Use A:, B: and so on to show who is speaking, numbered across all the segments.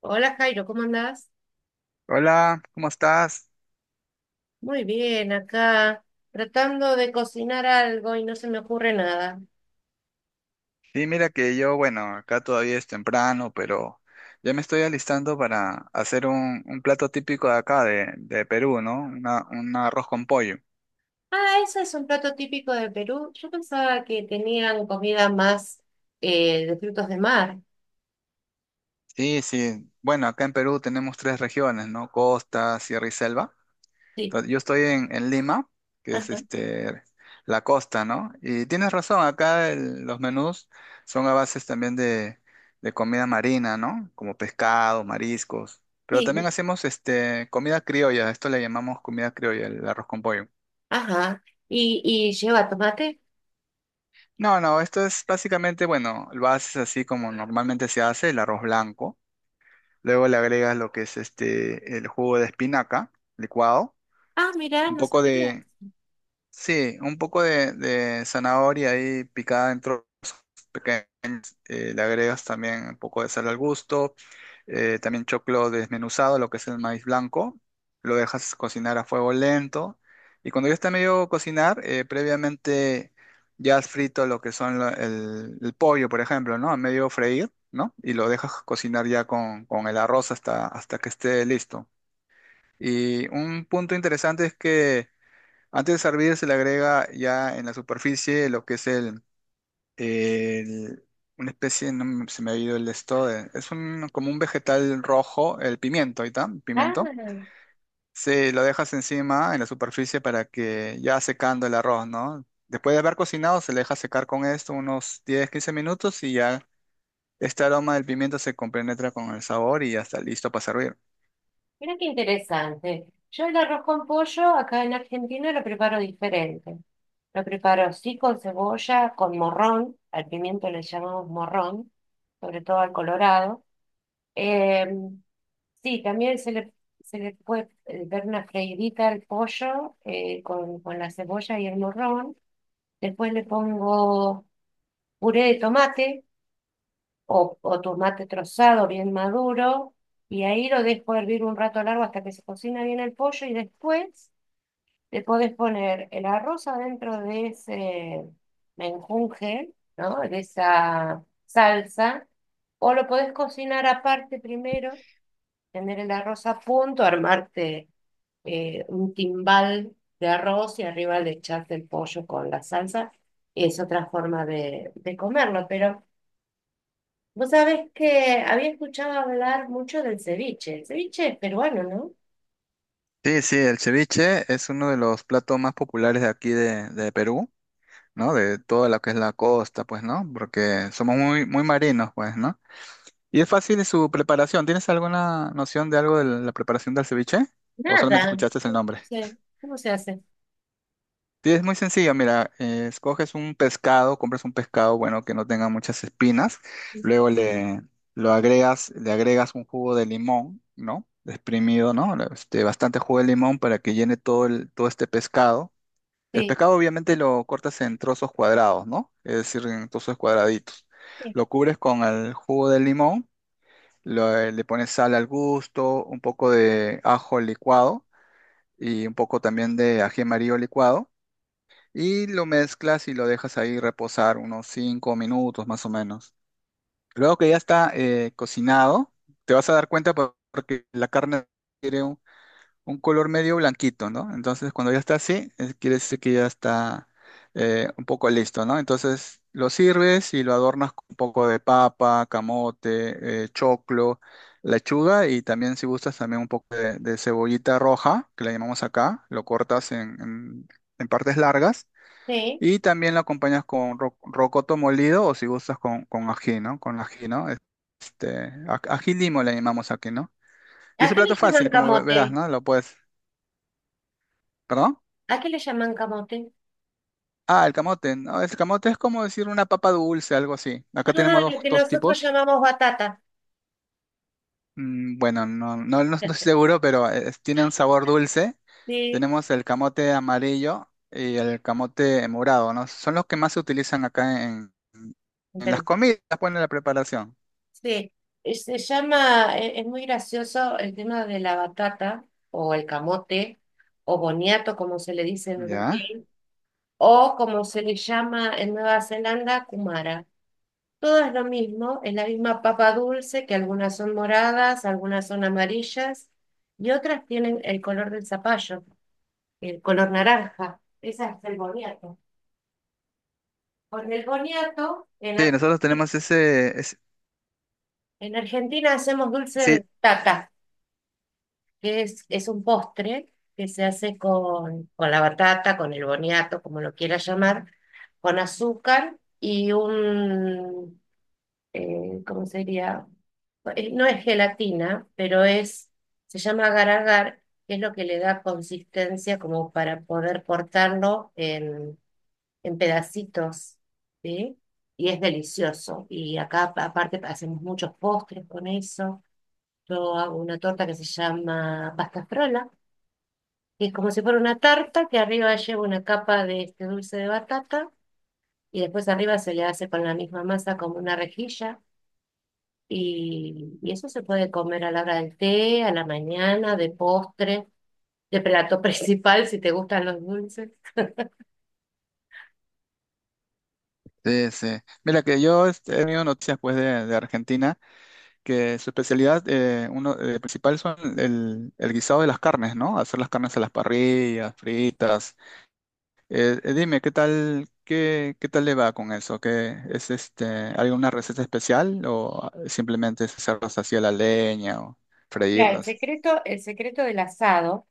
A: Hola Jairo, ¿cómo andás?
B: Hola, ¿cómo estás?
A: Muy bien, acá tratando de cocinar algo y no se me ocurre nada.
B: Sí, mira que yo, bueno, acá todavía es temprano, pero ya me estoy alistando para hacer un plato típico de acá, de Perú, ¿no? Un arroz con pollo.
A: Ah, ese es un plato típico de Perú. Yo pensaba que tenían comida más de frutos de mar.
B: Sí, sí. Bueno, acá en Perú tenemos tres regiones, ¿no? Costa, Sierra y Selva.
A: Sí,
B: Entonces, yo estoy en Lima, que es
A: ajá,
B: este, la costa, ¿no? Y tienes razón, acá los menús son a bases también de comida marina, ¿no? Como pescado, mariscos. Pero también
A: sí,
B: hacemos este, comida criolla, esto le llamamos comida criolla, el arroz con pollo.
A: ajá. ¿Y lleva tomate?
B: No, no, esto es básicamente, bueno, lo haces así como normalmente se hace, el arroz blanco. Luego le agregas lo que es este, el jugo de espinaca licuado,
A: Ah, mirá,
B: un
A: no
B: poco
A: sabía.
B: de, sí, un poco de zanahoria ahí picada en trozos pequeños. Le agregas también un poco de sal al gusto. También choclo desmenuzado, lo que es el maíz blanco. Lo dejas cocinar a fuego lento. Y cuando ya está medio cocinar, previamente ya has frito lo que son el pollo, por ejemplo, ¿no? A medio freír, ¿no? Y lo dejas cocinar ya con el arroz hasta que esté listo. Y un punto interesante es que antes de servir se le agrega ya en la superficie lo que es el- una especie, no me- se me ha ido el esto, es como un vegetal rojo, el pimiento, ahí está,
A: Ah,
B: pimiento. Se lo dejas encima en la superficie para que ya secando el arroz, ¿no? Después de haber cocinado se le deja secar con esto unos 10 15 minutos y ya este aroma del pimiento se compenetra con el sabor y ya está listo para servir.
A: mira qué interesante. Yo el arroz con pollo acá en Argentina lo preparo diferente. Lo preparo sí con cebolla, con morrón, al pimiento le llamamos morrón, sobre todo al colorado. Em, sí, también se le puede dar una freidita al pollo, con la cebolla y el morrón. Después le pongo puré de tomate o tomate trozado bien maduro, y ahí lo dejo hervir un rato largo hasta que se cocina bien el pollo, y después le podés poner el arroz adentro de ese menjunje, ¿no? De esa salsa, o lo podés cocinar aparte primero, tener el arroz a punto, armarte un timbal de arroz y arriba le echaste el pollo con la salsa. Es otra forma de comerlo. Pero vos sabés que había escuchado hablar mucho del ceviche. El ceviche es peruano, ¿no?
B: Sí, sí, el ceviche es uno de los platos más populares de aquí de Perú. ¿No? De toda lo que es la costa, pues, ¿no? Porque somos muy, muy marinos, pues, ¿no? Y es fácil su preparación. ¿Tienes alguna noción de algo de la preparación del ceviche? ¿O solamente
A: Nada. No
B: escuchaste el nombre?
A: sé. ¿Cómo se hace?
B: Sí, es muy sencillo, mira, escoges un pescado, compras un pescado, bueno, que no tenga muchas espinas, luego le agregas un jugo de limón, ¿no? Exprimido, ¿no? Este, bastante jugo de limón para que llene todo este pescado. El
A: Sí,
B: pescado obviamente lo cortas en trozos cuadrados, ¿no? Es decir, en trozos cuadraditos.
A: sí.
B: Lo cubres con el jugo de limón, le pones sal al gusto, un poco de ajo licuado y un poco también de ají amarillo licuado. Y lo mezclas y lo dejas ahí reposar unos 5 minutos más o menos. Luego que ya está cocinado, te vas a dar cuenta porque la carne un color medio blanquito, ¿no? Entonces, cuando ya está así, quiere decir que ya está un poco listo, ¿no? Entonces, lo sirves y lo adornas con un poco de papa, camote, choclo, lechuga y también, si gustas, también un poco de cebollita roja, que la llamamos acá, lo cortas en partes largas.
A: Sí.
B: Y también lo acompañas con rocoto molido o si gustas con ají, ¿no? Con ají, ¿no? Este, ají limo le llamamos aquí, ¿no? Y es
A: ¿A
B: un
A: qué le
B: plato
A: llaman
B: fácil, como verás,
A: camote?
B: ¿no? Lo puedes. ¿Perdón?
A: ¿A qué le llaman camote?
B: Ah, el camote. No, el camote es como decir una papa dulce, algo así.
A: Ah,
B: Acá tenemos
A: lo
B: dos,
A: que
B: dos
A: nosotros
B: tipos.
A: llamamos batata.
B: Mm, bueno, no, no, no estoy seguro, pero tienen sabor dulce.
A: Sí,
B: Tenemos el camote amarillo y el camote morado, ¿no? Son los que más se utilizan acá en,
A: en
B: en las
A: Perú.
B: comidas, pues en la preparación.
A: Sí. Se llama, es muy gracioso el tema de la batata o el camote o boniato, como se le dice en
B: ¿Ya?
A: Uruguay, o como se le llama en Nueva Zelanda, kumara. Todo es lo mismo, es la misma papa dulce, que algunas son moradas, algunas son amarillas y otras tienen el color del zapallo, el color naranja. Esa es el boniato. Con el boniato, en,
B: Sí, nosotros tenemos ese.
A: En Argentina hacemos dulce
B: Sí,
A: de tata, que es un postre que se hace con la batata, con el boniato, como lo quieras llamar, con azúcar y un ¿cómo sería? No es gelatina, pero es, se llama agar-agar, que es lo que le da consistencia como para poder cortarlo en pedacitos, ¿sí? Y es delicioso. Y acá, aparte, hacemos muchos postres con eso. Yo hago una torta que se llama pasta frola, que es como si fuera una tarta, que arriba lleva una capa de este dulce de batata, y después arriba se le hace con la misma masa como una rejilla. Y eso se puede comer a la hora del té, a la mañana, de postre, de plato principal si te gustan los dulces.
B: sí, sí. Mira que yo este, he tenido noticias pues de Argentina. Que su especialidad uno, principal son el guisado de las carnes, ¿no? Hacer las carnes a las parrillas, fritas. Dime, ¿qué, tal, qué tal le va con eso? ¿Qué es este, alguna receta especial o simplemente es hacerlas así a la leña o
A: Mira,
B: freírlas?
A: el secreto del asado,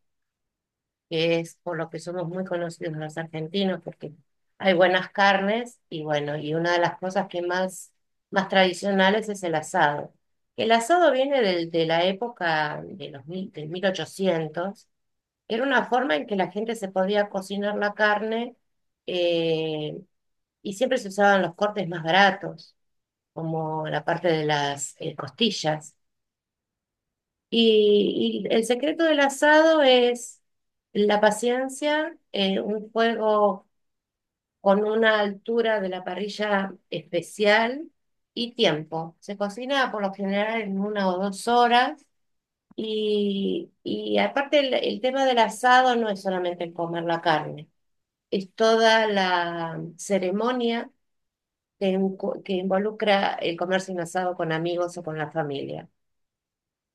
A: que es por lo que somos muy conocidos los argentinos, porque hay buenas carnes y bueno, y una de las cosas que más, más tradicionales es el asado. El asado viene de la época de los mil, del 1800, que era una forma en que la gente se podía cocinar la carne. Eh, y siempre se usaban los cortes más baratos, como la parte de las costillas. Y el secreto del asado es la paciencia, un fuego con una altura de la parrilla especial y tiempo. Se cocina por lo general en una o dos horas. Y aparte el tema del asado no es solamente el comer la carne, es toda la ceremonia que, que involucra el comerse un asado con amigos o con la familia,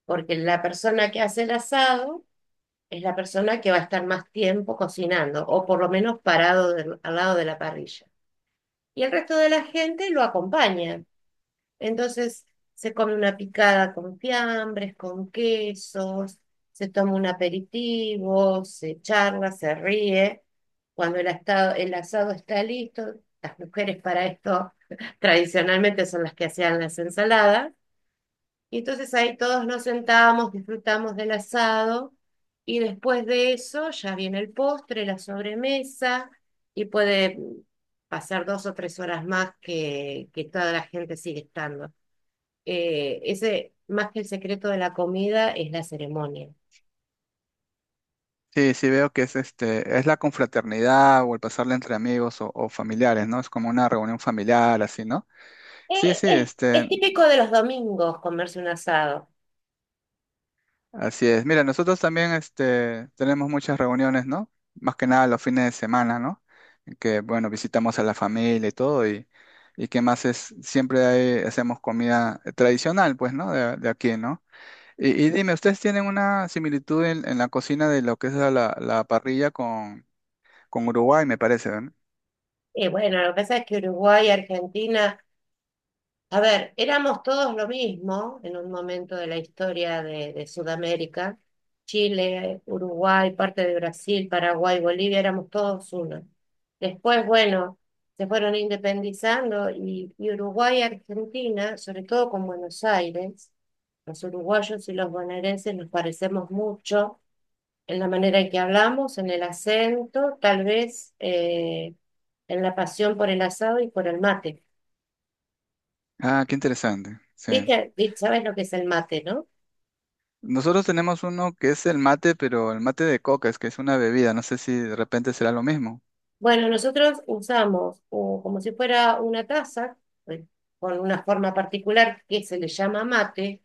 A: porque la persona que hace el asado es la persona que va a estar más tiempo cocinando o por lo menos parado al lado de la parrilla. Y el resto de la gente lo acompaña. Entonces se come una picada con fiambres, con quesos, se toma un aperitivo, se charla, se ríe. Cuando el asado está listo, las mujeres para esto tradicionalmente son las que hacían las ensaladas. Y entonces ahí todos nos sentamos, disfrutamos del asado y después de eso ya viene el postre, la sobremesa y puede pasar dos o tres horas más que toda la gente sigue estando, ese, más que el secreto de la comida, es la ceremonia.
B: Sí, sí veo que es la confraternidad o el pasarla entre amigos o familiares, ¿no? Es como una reunión familiar, así, ¿no? Sí, sí.
A: Es
B: Este,
A: típico de los domingos comerse un asado.
B: así es. Mira, nosotros también este, tenemos muchas reuniones, ¿no? Más que nada los fines de semana, ¿no? En que, bueno, visitamos a la familia y todo, y qué más es, siempre hacemos comida tradicional, pues, ¿no? De aquí, ¿no? Y dime, ¿ustedes tienen una similitud en la cocina de lo que es la parrilla con Uruguay, me parece, ¿verdad?
A: Bueno, lo que pasa es que Uruguay y Argentina, a ver, éramos todos lo mismo en un momento de la historia de Sudamérica. Chile, Uruguay, parte de Brasil, Paraguay, Bolivia, éramos todos uno. Después, bueno, se fueron independizando y Uruguay y Argentina, sobre todo con Buenos Aires, los uruguayos y los bonaerenses nos parecemos mucho en la manera en que hablamos, en el acento, tal vez en la pasión por el asado y por el mate.
B: Ah, qué interesante, sí.
A: Viste, sabes lo que es el mate, ¿no?
B: Nosotros tenemos uno que es el mate, pero el mate de coca, es que es una bebida, no sé si de repente será lo mismo.
A: Bueno, nosotros usamos o como si fuera una taza, eh, con una forma particular que se le llama mate,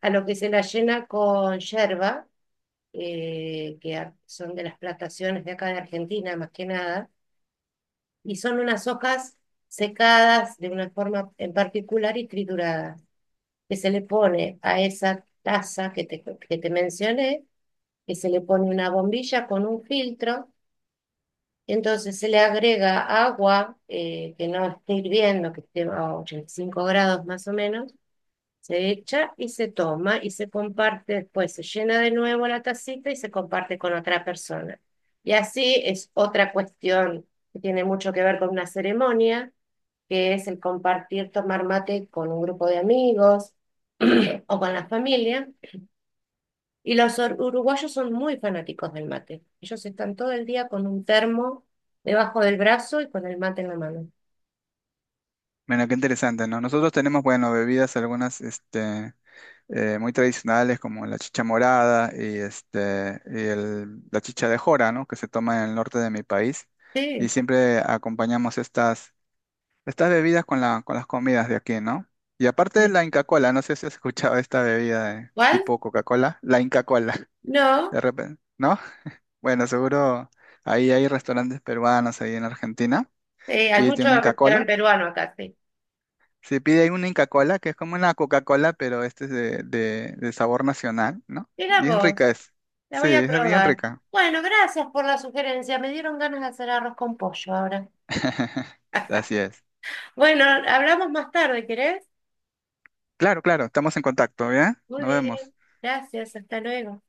A: a lo que se la llena con yerba, que son de las plantaciones de acá de Argentina, más que nada, y son unas hojas secadas de una forma en particular y trituradas, que se le pone a esa taza que te mencioné, que se le pone una bombilla con un filtro. Entonces se le agrega agua, que no esté hirviendo, que esté a 85 grados más o menos, se echa y se toma y se comparte después, se llena de nuevo la tacita y se comparte con otra persona. Y así es otra cuestión que tiene mucho que ver con una ceremonia, que es el compartir, tomar mate con un grupo de amigos o con la familia. Y los uruguayos son muy fanáticos del mate. Ellos están todo el día con un termo debajo del brazo y con el mate en la mano.
B: Bueno, qué interesante, ¿no? Nosotros tenemos, bueno, bebidas algunas, este, muy tradicionales como la chicha morada y la chicha de jora, ¿no? Que se toma en el norte de mi país. Y
A: Sí.
B: siempre acompañamos estas bebidas con las comidas de aquí, ¿no? Y aparte
A: Sí.
B: la Inca Cola, no sé si has escuchado esta bebida de
A: ¿Cuál?
B: tipo Coca-Cola, la Inca Cola,
A: No.
B: de repente, ¿no? Bueno, seguro ahí hay restaurantes peruanos ahí en Argentina.
A: Sí, hay
B: Pídete
A: muchos
B: una Inca
A: restaurantes
B: Cola.
A: peruanos acá, sí.
B: Se pide ahí una Inca Cola que es como una Coca-Cola, pero este es de sabor nacional, ¿no?
A: Mira
B: Bien
A: vos,
B: rica es.
A: la
B: Sí,
A: voy a
B: es bien
A: probar.
B: rica.
A: Bueno, gracias por la sugerencia. Me dieron ganas de hacer arroz con pollo ahora.
B: Así es.
A: Bueno, hablamos más tarde, ¿querés?
B: Claro, claro, estamos en contacto, ¿ya?
A: Muy
B: Nos
A: bien.
B: vemos.
A: Gracias, hasta luego.